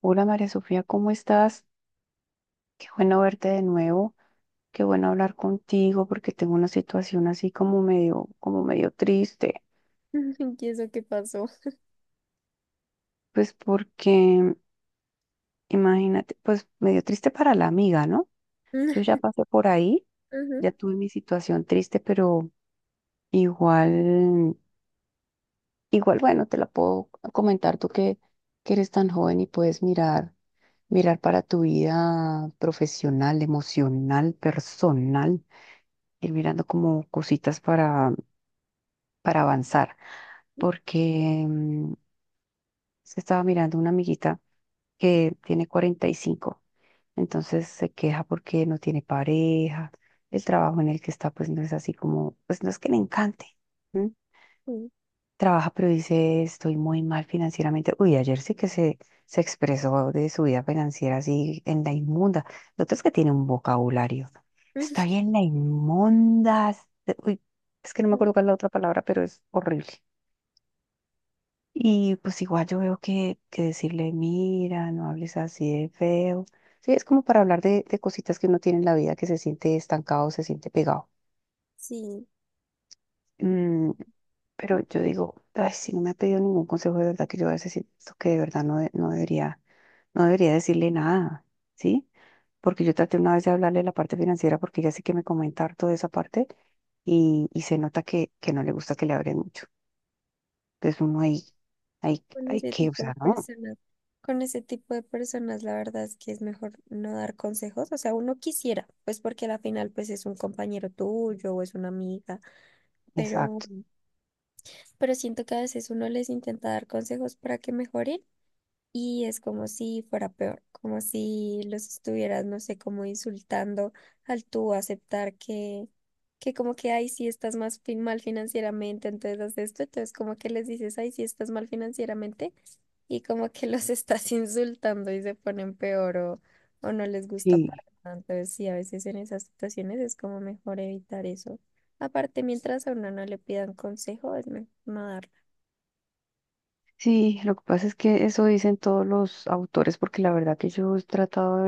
Hola María Sofía, ¿cómo estás? Qué bueno verte de nuevo, qué bueno hablar contigo porque tengo una situación así como medio triste, ¿Y eso qué pasó? pues porque imagínate, pues medio triste para la amiga, ¿no? Yo ya pasé por ahí, Ujú. ya tuve mi situación triste, pero igual Igual, bueno, te la puedo comentar tú que eres tan joven y puedes mirar para tu vida profesional, emocional, personal, ir mirando como cositas para avanzar. Porque se estaba mirando una amiguita que tiene 45, entonces se queja porque no tiene pareja, el trabajo en el que está pues no es así como, pues no es que le encante. ¿Sí? Sí, Trabaja, pero dice, estoy muy mal financieramente. Uy, ayer sí que se expresó de su vida financiera así en la inmunda. Lo otro es que tiene un vocabulario. Estoy en la inmunda. Uy, es que no me acuerdo cuál es la otra palabra, pero es horrible. Y pues igual yo veo que decirle, mira, no hables así de feo. Sí, es como para hablar de cositas que uno tiene en la vida que se siente estancado, se siente pegado. Sí, Mm. Pero yo digo, ay, si no me ha pedido ningún consejo de verdad que yo voy a decir esto que de verdad no, no debería decirle nada, ¿sí? Porque yo traté una vez de hablarle de la parte financiera porque ella sí que me comenta harto de esa parte y se nota que no le gusta que le hablen mucho. Entonces uno ahí, ahí, con ahí ese que, o tipo sea, de no, personas, con ese tipo de personas, la verdad es que es mejor no dar consejos. O sea, uno quisiera, pues porque al final pues es un compañero tuyo o es una amiga, pero, exacto. pero siento que a veces uno les intenta dar consejos para que mejoren. Y es como si fuera peor, como si los estuvieras, no sé, como insultando al tú aceptar que como que, ay, sí estás más mal financieramente, entonces haz esto, entonces como que les dices, ay, sí estás mal financieramente, y como que los estás insultando y se ponen peor o no les gusta Sí, para nada. Entonces sí, a veces en esas situaciones es como mejor evitar eso. Aparte, mientras a uno no le pidan consejo, es mejor no darla. sí, lo que pasa es que eso dicen todos los autores porque la verdad que yo he tratado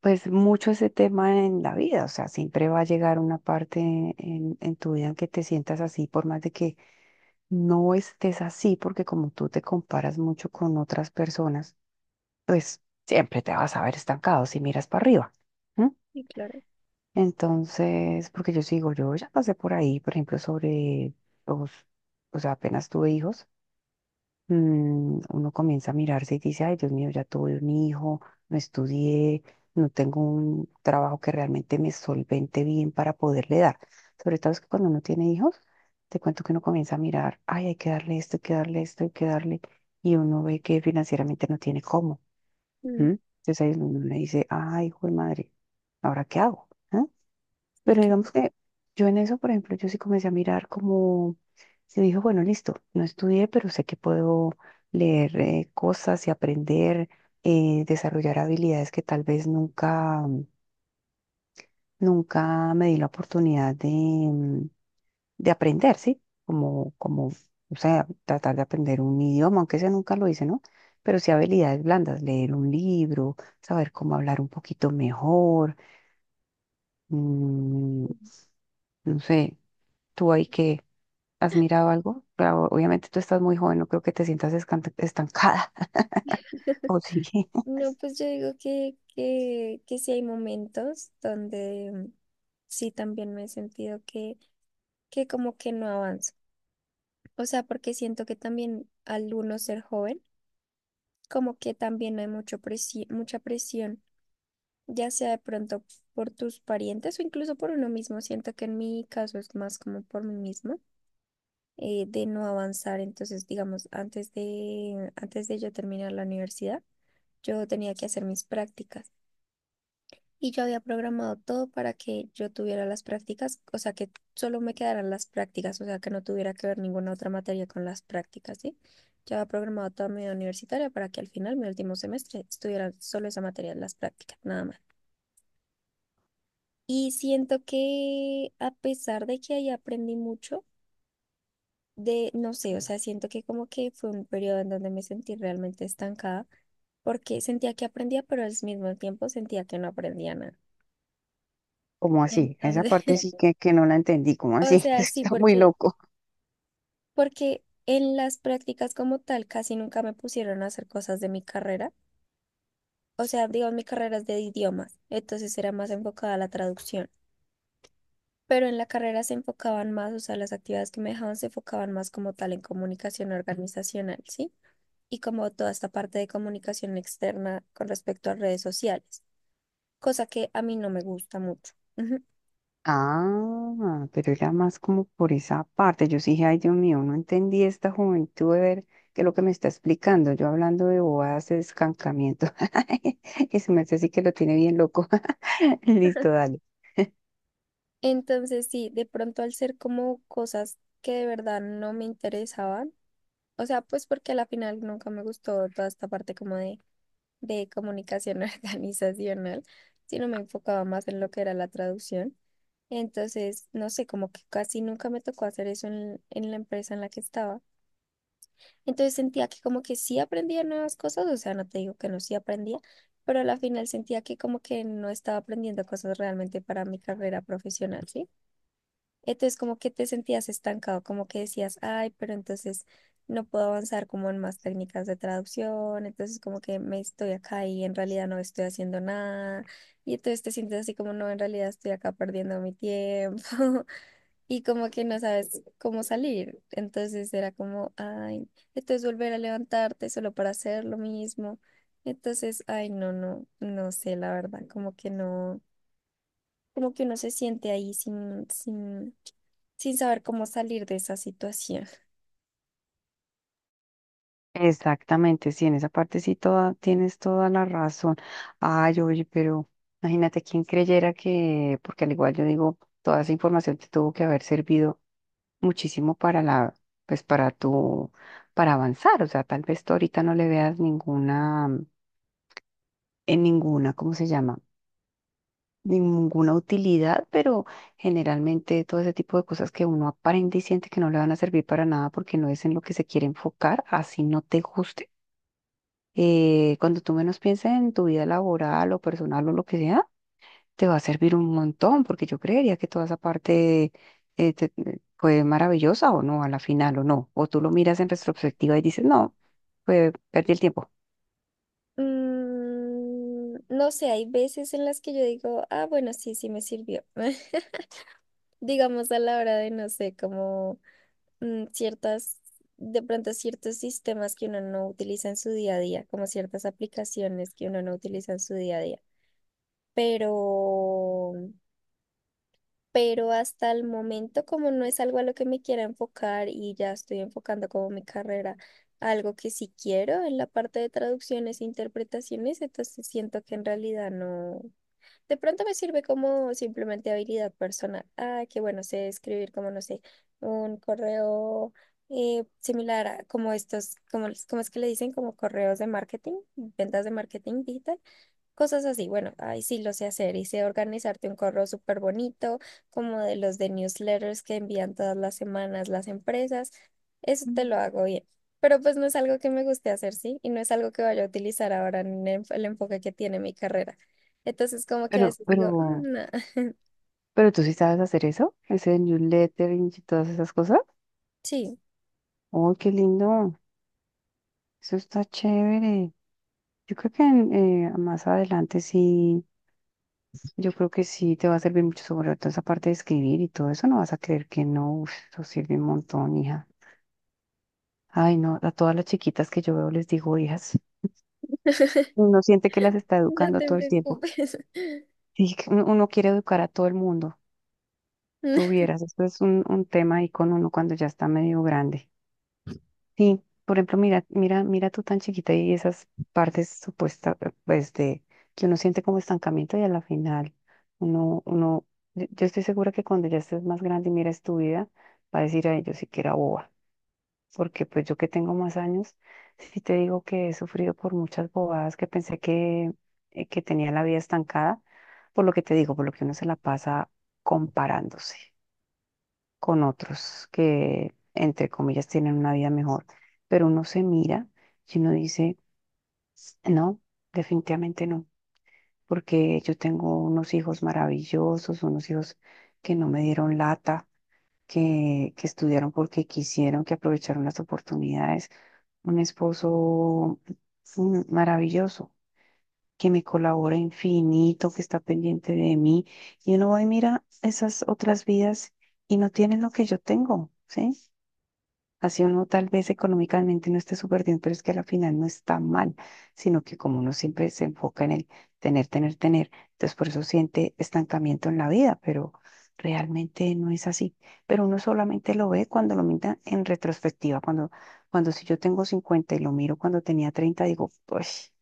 pues mucho ese tema en la vida, o sea, siempre va a llegar una parte en tu vida en que te sientas así, por más de que no estés así, porque como tú te comparas mucho con otras personas, pues siempre te vas a ver estancado si miras para arriba. ¿M? Sí, claro. Entonces, porque yo sigo, yo ya pasé por ahí, por ejemplo, sobre los, o sea, apenas tuve hijos, uno comienza a mirarse y dice, ay, Dios mío, ya tuve un hijo, no estudié, no tengo un trabajo que realmente me solvente bien para poderle dar. Sobre todo es que cuando uno tiene hijos, te cuento que uno comienza a mirar, ay, hay que darle esto, hay que darle esto, hay que darle, y uno ve que financieramente no tiene cómo. Mm, ¿M? Entonces ahí es donde uno dice, ay, hijo de madre, ¿ahora qué hago? sí, Pero claro. digamos que yo en eso, por ejemplo, yo sí comencé a mirar como, se dijo, bueno, listo, no estudié, pero sé que puedo leer cosas y aprender, desarrollar habilidades que tal vez nunca me di la oportunidad de aprender, ¿sí? Como, o sea, tratar de aprender un idioma, aunque ese nunca lo hice, ¿no? Pero sí habilidades blandas, leer un libro, saber cómo hablar un poquito mejor, mm, no sé, tú ahí que ¿has mirado algo? Claro, obviamente tú estás muy joven, no creo que te sientas estancada. ¿O sí? No, pues yo digo que, que sí hay momentos donde sí también me he sentido que como que no avanzo. O sea, porque siento que también al uno ser joven, como que también no hay mucho mucha presión, ya sea de pronto por tus parientes o incluso por uno mismo. Siento que en mi caso es más como por mí mismo, de no avanzar. Entonces, digamos, antes de yo terminar la universidad, yo tenía que hacer mis prácticas. Y yo había programado todo para que yo tuviera las prácticas, o sea, que solo me quedaran las prácticas, o sea, que no tuviera que ver ninguna otra materia con las prácticas, ¿sí? Yo había programado toda mi vida universitaria para que al final, mi último semestre, estuviera solo esa materia, las prácticas, nada más. Y siento que a pesar de que ahí aprendí mucho, no sé, o sea, siento que como que fue un periodo en donde me sentí realmente estancada, porque sentía que aprendía, pero al mismo tiempo sentía que no aprendía nada. ¿Cómo así? Esa Entonces, parte sí que no la entendí. ¿Cómo o así? sea, sí, Está muy porque loco. Porque en las prácticas como tal casi nunca me pusieron a hacer cosas de mi carrera. O sea, digo, mi carrera es de idiomas, entonces era más enfocada a la traducción. Pero en la carrera se enfocaban más, o sea, las actividades que me dejaban se enfocaban más como tal en comunicación organizacional, ¿sí? Y como toda esta parte de comunicación externa con respecto a redes sociales, cosa que a mí no me gusta mucho. Ujú. Ah, pero era más como por esa parte. Yo sí dije, ay, Dios mío, no entendí esta juventud de ver qué es lo que me está explicando. Yo hablando de bobadas de escancamiento. Ese merced sí que lo tiene bien loco. Listo, dale. Entonces, sí, de pronto al ser como cosas que de verdad no me interesaban, o sea, pues porque a la final nunca me gustó toda esta parte como de comunicación organizacional, sino me enfocaba más en lo que era la traducción. Entonces, no sé, como que casi nunca me tocó hacer eso en la empresa en la que estaba. Entonces sentía que como que sí aprendía nuevas cosas, o sea, no te digo que no sí aprendía, pero a la final sentía que como que no estaba aprendiendo cosas realmente para mi carrera profesional, ¿sí? Entonces como que te sentías estancado, como que decías, ay, pero entonces no puedo avanzar como en más técnicas de traducción, entonces como que me estoy acá y en realidad no estoy haciendo nada, y entonces te sientes así como, no, en realidad estoy acá perdiendo mi tiempo, y como que no sabes cómo salir, entonces era como, ay, entonces volver a levantarte solo para hacer lo mismo, entonces, ay, no, no, no sé, la verdad, como que no, como que uno se siente ahí sin saber cómo salir de esa situación. Exactamente, sí, en esa parte sí toda, tienes toda la razón. Ay, oye, pero imagínate quién creyera que, porque al igual yo digo, toda esa información te tuvo que haber servido muchísimo para la, pues para tu, para avanzar. O sea, tal vez tú ahorita no le veas ninguna, en ninguna, ¿cómo se llama? Ninguna utilidad, pero generalmente todo ese tipo de cosas que uno aprende y siente que no le van a servir para nada porque no es en lo que se quiere enfocar, así no te guste, cuando tú menos pienses en tu vida laboral o personal o lo que sea, te va a servir un montón, porque yo creería que toda esa parte fue maravillosa o no, a la final o no. O tú lo miras en retrospectiva y dices, no, pues perdí el tiempo. Mm, no sé, hay veces en las que yo digo, ah, bueno, sí, sí me sirvió. Digamos a la hora no sé, como mm, ciertas, de pronto ciertos sistemas que uno no utiliza en su día a día, como ciertas aplicaciones que uno no utiliza en su día a día. Pero pero hasta el momento como no es algo a lo que me quiera enfocar y ya estoy enfocando como mi carrera, a algo que sí quiero en la parte de traducciones e interpretaciones, entonces siento que en realidad no, de pronto me sirve como simplemente habilidad personal. Ah, que bueno, sé escribir como, no sé, un correo, similar a como estos, como es que le dicen, como correos de marketing, ventas de marketing digital. Cosas así, bueno, ahí sí lo sé hacer y sé organizarte un correo súper bonito, como de los de newsletters que envían todas las semanas las empresas. Eso te Mm. lo hago bien. Pero pues no es algo que me guste hacer, ¿sí? Y no es algo que vaya a utilizar ahora en el enfoque que tiene mi carrera. Entonces, como que a Pero, veces pero, digo, "Mm, no". pero tú sí sabes hacer eso, ese newsletter y todas esas cosas. Sí, ¡Oh, qué lindo! Eso está chévere. Yo creo que más adelante sí. Yo creo que sí te va a servir mucho sobre todo esa parte de escribir y todo eso. No vas a creer que no. Uf, eso sirve un montón, hija. Ay, no, a todas las chiquitas que yo veo les digo hijas. Uno siente que las está no educando te todo el tiempo. preocupes. Y que uno quiere educar a todo el mundo. Tú vieras, esto es un tema ahí con uno cuando ya está medio grande. Sí, por ejemplo, mira, mira, mira tú tan chiquita y esas partes supuestas, pues de que uno siente como estancamiento y a la final uno, uno, yo yo estoy segura que cuando ya estés más grande y mires tu vida, va a decir a ellos sí que era boba, porque pues yo que tengo más años, sí te digo que he sufrido por muchas bobadas que pensé que tenía la vida estancada, por lo que te digo, por lo que uno se la pasa comparándose con otros que, entre comillas, tienen una vida mejor. Pero uno se mira y uno dice, no, definitivamente no, porque yo tengo unos hijos maravillosos, unos hijos que no me dieron lata, que estudiaron porque quisieron, que aprovecharon las oportunidades, un esposo maravilloso, que me colabora infinito, que está pendiente de mí. Y uno va y mira esas otras vidas y no tienen lo que yo tengo, ¿sí? Así uno tal vez económicamente no esté súper bien, pero es que a la final no está mal, sino que como uno siempre se enfoca en el tener, tener, tener, entonces por eso siente estancamiento en la vida, pero realmente no es así. Pero uno solamente lo ve cuando lo mira en retrospectiva, cuando, si yo tengo 50 y lo miro cuando tenía 30, digo, pues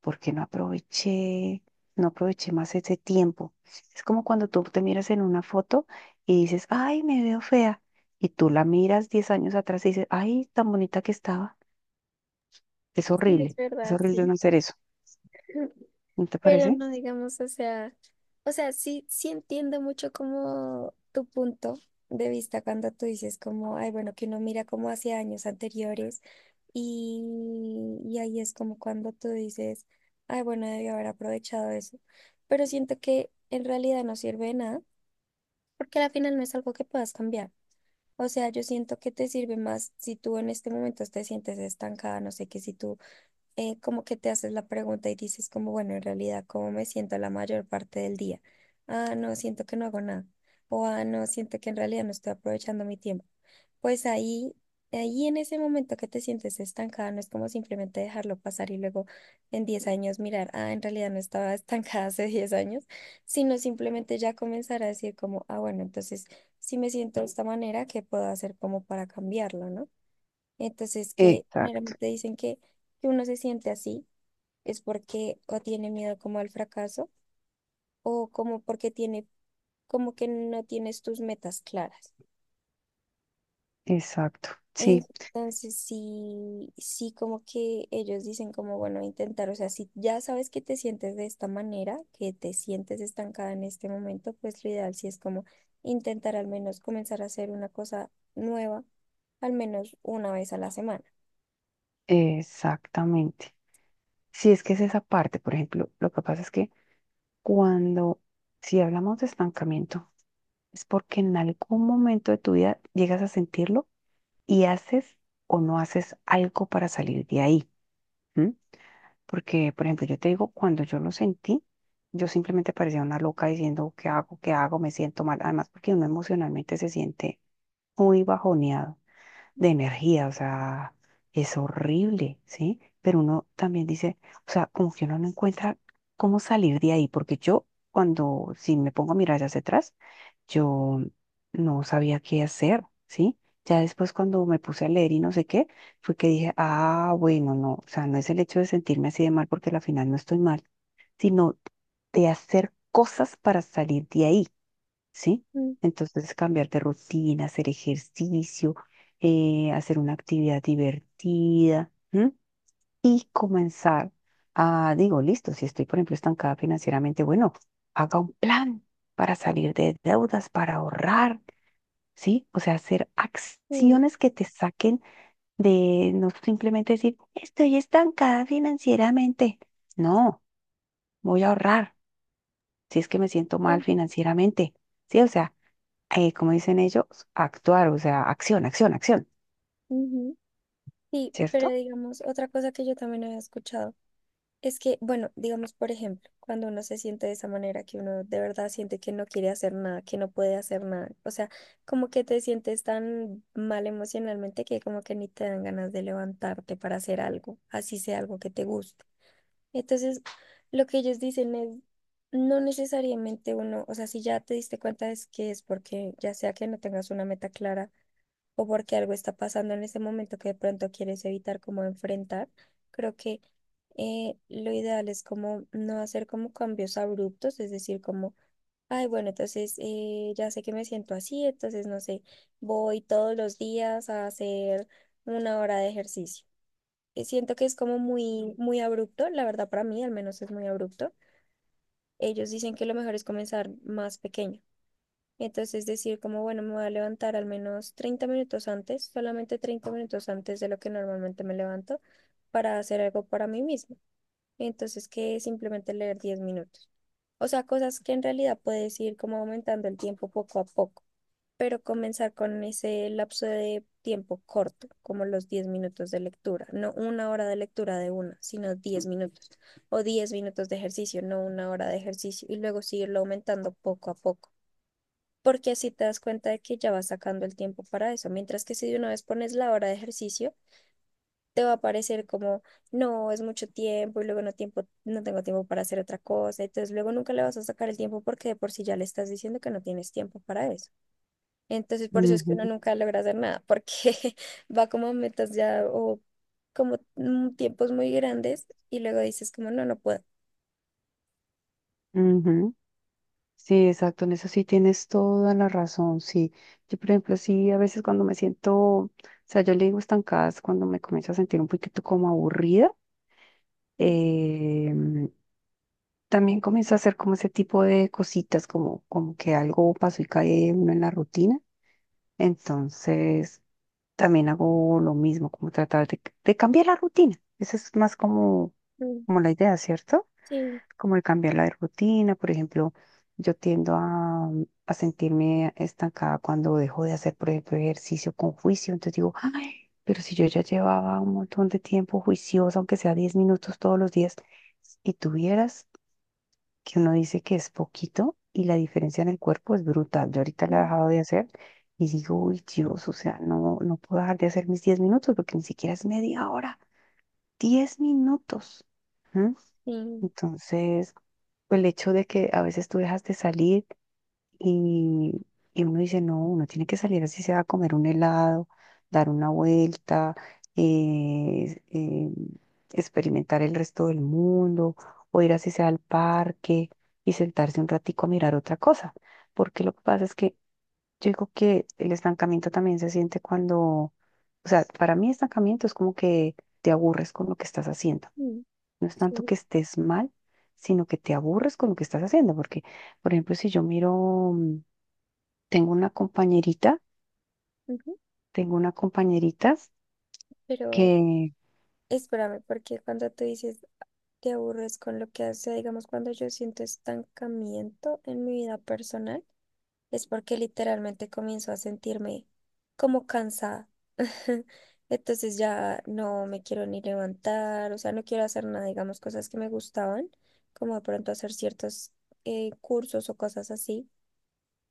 porque no aproveché más ese tiempo. Es como cuando tú te miras en una foto y dices, ay, me veo fea. Y tú la miras 10 años atrás y dices, ay, tan bonita que estaba. Sí, es Es verdad, horrible no sí. hacer eso. ¿No te Pero parece? no digamos, o sea, sí, sí entiendo mucho como tu punto de vista cuando tú dices como, ay, bueno, que uno mira como hacia años anteriores y, y ahí es como cuando tú dices, ay, bueno, debí haber aprovechado eso. Pero siento que en realidad no sirve de nada porque al final no es algo que puedas cambiar. O sea, yo siento que te sirve más si tú en este momento te sientes estancada, no sé, qué si tú como que te haces la pregunta y dices como, bueno, en realidad, ¿cómo me siento la mayor parte del día? Ah, no, siento que no hago nada. O, ah, no, siento que en realidad no estoy aprovechando mi tiempo. Pues ahí en ese momento que te sientes estancada, no es como simplemente dejarlo pasar y luego en 10 años mirar, ah, en realidad no estaba estancada hace 10 años, sino simplemente ya comenzar a decir como, ah, bueno, entonces, si me siento de esta manera, ¿qué puedo hacer como para cambiarlo, no? Entonces, que Exacto, generalmente dicen que, uno se siente así es porque o tiene miedo como al fracaso o como porque tiene, como que no tienes tus metas claras. exacto. Sí, Entonces, sí, sí, como que ellos dicen como, bueno, intentar, o sea, si ya sabes que te sientes de esta manera, que te sientes estancada en este momento, pues lo ideal sí es como intentar al menos comenzar a hacer una cosa nueva, al menos una vez a la semana. exactamente. Sí, es que es esa parte, por ejemplo, lo que pasa es que cuando, si hablamos de estancamiento, es porque en algún momento de tu vida llegas a sentirlo y haces o no haces algo para salir de ahí. ¿M? Porque, por ejemplo, yo te digo, cuando yo lo sentí, yo simplemente parecía una loca diciendo, ¿qué hago? ¿Qué hago? Me siento mal. Además, porque uno emocionalmente se siente muy bajoneado de energía, o sea, es horrible, ¿sí? Pero uno también dice, o sea, como que uno no encuentra cómo salir de ahí, porque yo cuando, si me pongo a mirar hacia atrás, yo no sabía qué hacer, ¿sí? Ya después cuando me puse a leer y no sé qué, fue que dije, ah, bueno, no, o sea, no es el hecho de sentirme así de mal porque al final no estoy mal, sino de hacer cosas para salir de ahí. ¿Sí? Ujú, Entonces, cambiar de rutina, hacer ejercicio, hacer una actividad divertida, ¿m? Y comenzar a, digo, listo, si estoy, por ejemplo, estancada financieramente, bueno, haga un plan para salir de deudas, para ahorrar, ¿sí? O sea, hacer ujú, acciones que te saquen de no simplemente decir, estoy estancada financieramente. No, voy a ahorrar si es que me siento mal financieramente, ¿sí? O sea, como dicen ellos, actuar, o sea, acción, acción, acción, ujú. Sí, pero ¿cierto? digamos, otra cosa que yo también había escuchado es que, bueno, digamos, por ejemplo, cuando uno se siente de esa manera, que uno de verdad siente que no quiere hacer nada, que no puede hacer nada, o sea, como que te sientes tan mal emocionalmente que como que ni te dan ganas de levantarte para hacer algo, así sea algo que te guste. Entonces, lo que ellos dicen es, no necesariamente uno, o sea, si ya te diste cuenta es que es porque ya sea que no tengas una meta clara, o porque algo está pasando en ese momento que de pronto quieres evitar como enfrentar, creo que lo ideal es como no hacer como cambios abruptos, es decir, como, ay, bueno, entonces ya sé que me siento así, entonces no sé, voy todos los días a hacer una hora de ejercicio. Siento que es como muy, muy abrupto, la verdad para mí al menos es muy abrupto. Ellos dicen que lo mejor es comenzar más pequeño. Entonces decir como, bueno, me voy a levantar al menos 30 minutos antes, solamente 30 minutos antes de lo que normalmente me levanto para hacer algo para mí mismo. Entonces que simplemente leer 10 minutos. O sea, cosas que en realidad puedes ir como aumentando el tiempo poco a poco, pero comenzar con ese lapso de tiempo corto, como los 10 minutos de lectura, no una hora de lectura de una, sino 10 minutos o 10 minutos de ejercicio, no una hora de ejercicio, y luego seguirlo aumentando poco a poco porque así te das cuenta de que ya vas sacando el tiempo para eso, mientras que si de una vez pones la hora de ejercicio, te va a parecer como, no, es mucho tiempo y luego no tengo tiempo para hacer otra cosa, entonces luego nunca le vas a sacar el tiempo porque de por sí ya le estás diciendo que no tienes tiempo para eso. Entonces por eso es que uno Ujú, nunca logra hacer nada, porque va como a metas ya o como tiempos muy grandes y luego dices como, no, no puedo. ujú. Sí, exacto, en eso sí tienes toda la razón, sí. Yo, por ejemplo, sí, a veces cuando me siento, o sea, yo le digo estancadas cuando me comienzo a sentir un poquito como aburrida, Mm, em, también comienzo a hacer como ese tipo de cositas, como, como que algo pasó y cae uno en la rutina. Entonces, también hago lo mismo, como tratar de cambiar la rutina. Esa es más como, mm, como la idea, ¿cierto? sí, Como el cambiar la rutina, por ejemplo, yo tiendo a sentirme estancada cuando dejo de hacer, por ejemplo, ejercicio con juicio, entonces digo, ay, pero si yo ya llevaba un montón de tiempo juiciosa, aunque sea 10 minutos todos los días, y tuvieras que uno dice que es poquito y la diferencia en el cuerpo es brutal, yo ahorita la he mm, dejado de hacer. Y digo, uy, Dios, o sea, no, no puedo dejar de hacer mis 10 minutos porque ni siquiera es media hora. 10 minutos. sí, Entonces, pues el hecho de que a veces tú dejas de salir y, y uno dice, no, uno tiene que salir así sea a comer un helado, dar una vuelta, eh, eh, experimentar el resto del mundo, o ir así sea al parque y sentarse un ratico a mirar otra cosa. Porque lo que pasa es que yo digo que el estancamiento también se siente cuando, o sea, para mí estancamiento es como que te aburres con lo que estás haciendo. mm, No es tanto sí, que estés mal, sino que te aburres con lo que estás haciendo. Porque, por ejemplo, si yo miro, tengo una compañerita, ujú. tengo una compañerita Pero que... Espérame, porque cuando tú dices te aburres con lo que hace, digamos, cuando yo siento estancamiento en mi vida personal, es porque literalmente comienzo a sentirme como cansada. Entonces ya no me quiero ni levantar, o sea, no quiero hacer nada, digamos, cosas que me gustaban, como de pronto hacer ciertos cursos o cosas así,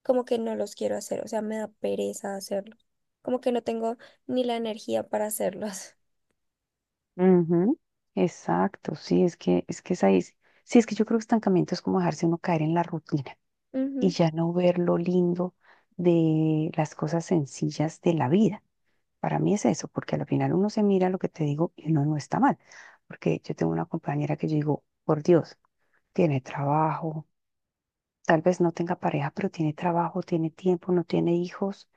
como que no los quiero hacer, o sea, me da pereza hacerlos, como que no tengo ni la energía para hacerlos. Ujú, exacto, sí, es que es ahí. Sí, sí, es que yo creo que estancamiento es como dejarse uno caer en la rutina y Ujú. ya no ver lo lindo de las cosas sencillas de la vida. Para mí es eso, porque al final uno se mira lo que te digo y uno no está mal. Porque yo tengo una compañera que yo digo, por Dios, tiene trabajo. Tal vez no tenga pareja, pero tiene trabajo, tiene tiempo, no tiene hijos.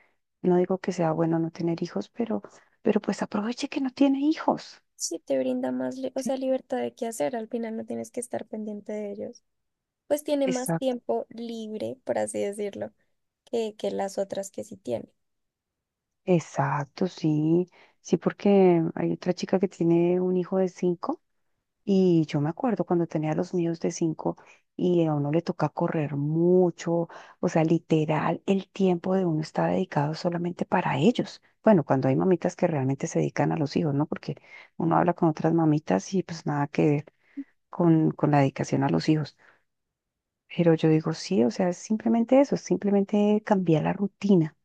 No digo que sea bueno no tener hijos, pero pues aproveche que no tiene hijos. Sí, te brinda más, o ¿Sí? sea, libertad de qué hacer, al final no tienes que estar pendiente de ellos. Pues tiene más Exacto. tiempo libre, por así decirlo, que las otras que sí tiene. Exacto, sí. Sí, porque hay otra chica que tiene un hijo de cinco. Y yo me acuerdo cuando tenía los míos de cinco y a uno le toca correr mucho, o sea, literal, el tiempo de uno está dedicado solamente para ellos. Bueno, cuando hay mamitas que realmente se dedican a los hijos, ¿no? Porque uno habla con otras mamitas y pues nada que ver con la dedicación a los hijos. Pero yo digo, sí, o sea, es simplemente eso, es simplemente cambiar la rutina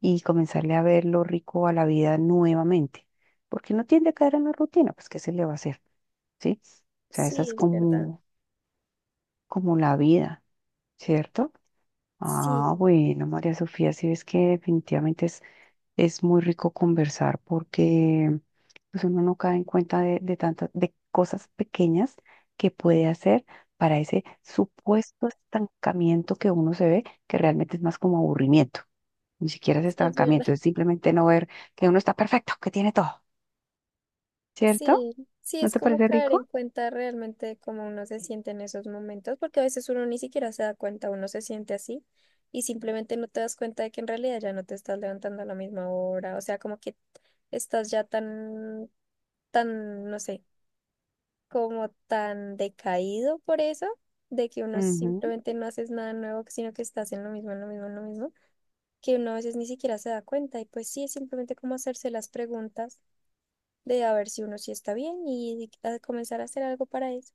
y comenzarle a ver lo rico a la vida nuevamente. Porque no tiende a caer en la rutina, pues ¿qué se le va a hacer? ¿Sí? O sea, esa es Sí, es verdad. como la vida, ¿cierto? Ah, Sí, bueno, María Sofía, sí ves que definitivamente es muy rico conversar porque pues uno no cae en cuenta de tantas, de cosas pequeñas que puede hacer para ese supuesto estancamiento que uno se ve, que realmente es más como aburrimiento. Ni siquiera es sí, es verdad. estancamiento, es simplemente no ver que uno está perfecto, que tiene todo, ¿cierto? Sí, sí, ¿No es te como parece caer rico? en cuenta realmente de cómo uno se siente en esos momentos, porque a veces uno ni siquiera se da cuenta, uno se siente así y simplemente no te das cuenta de que en realidad ya no te estás levantando a la misma hora, o sea, como que estás ya tan, tan, no sé, como tan decaído por eso, de que uno Ujú. simplemente no haces nada nuevo, sino que estás en lo mismo, en lo mismo, en lo mismo, que uno a veces ni siquiera se da cuenta. Y pues sí, es simplemente como hacerse las preguntas de a ver si uno sí está bien y a comenzar a hacer algo para eso.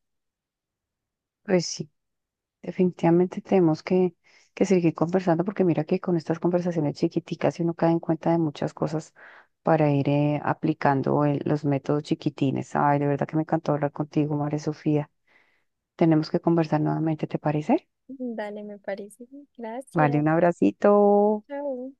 Pues sí. Definitivamente tenemos que seguir conversando porque mira que con estas conversaciones chiquiticas si uno cae en cuenta de muchas cosas para ir aplicando los métodos chiquitines. Ay, de verdad que me encantó hablar contigo, María Sofía. Tenemos que conversar nuevamente, ¿te parece? Dale, me parece. Vale, Gracias. un abracito. Chao.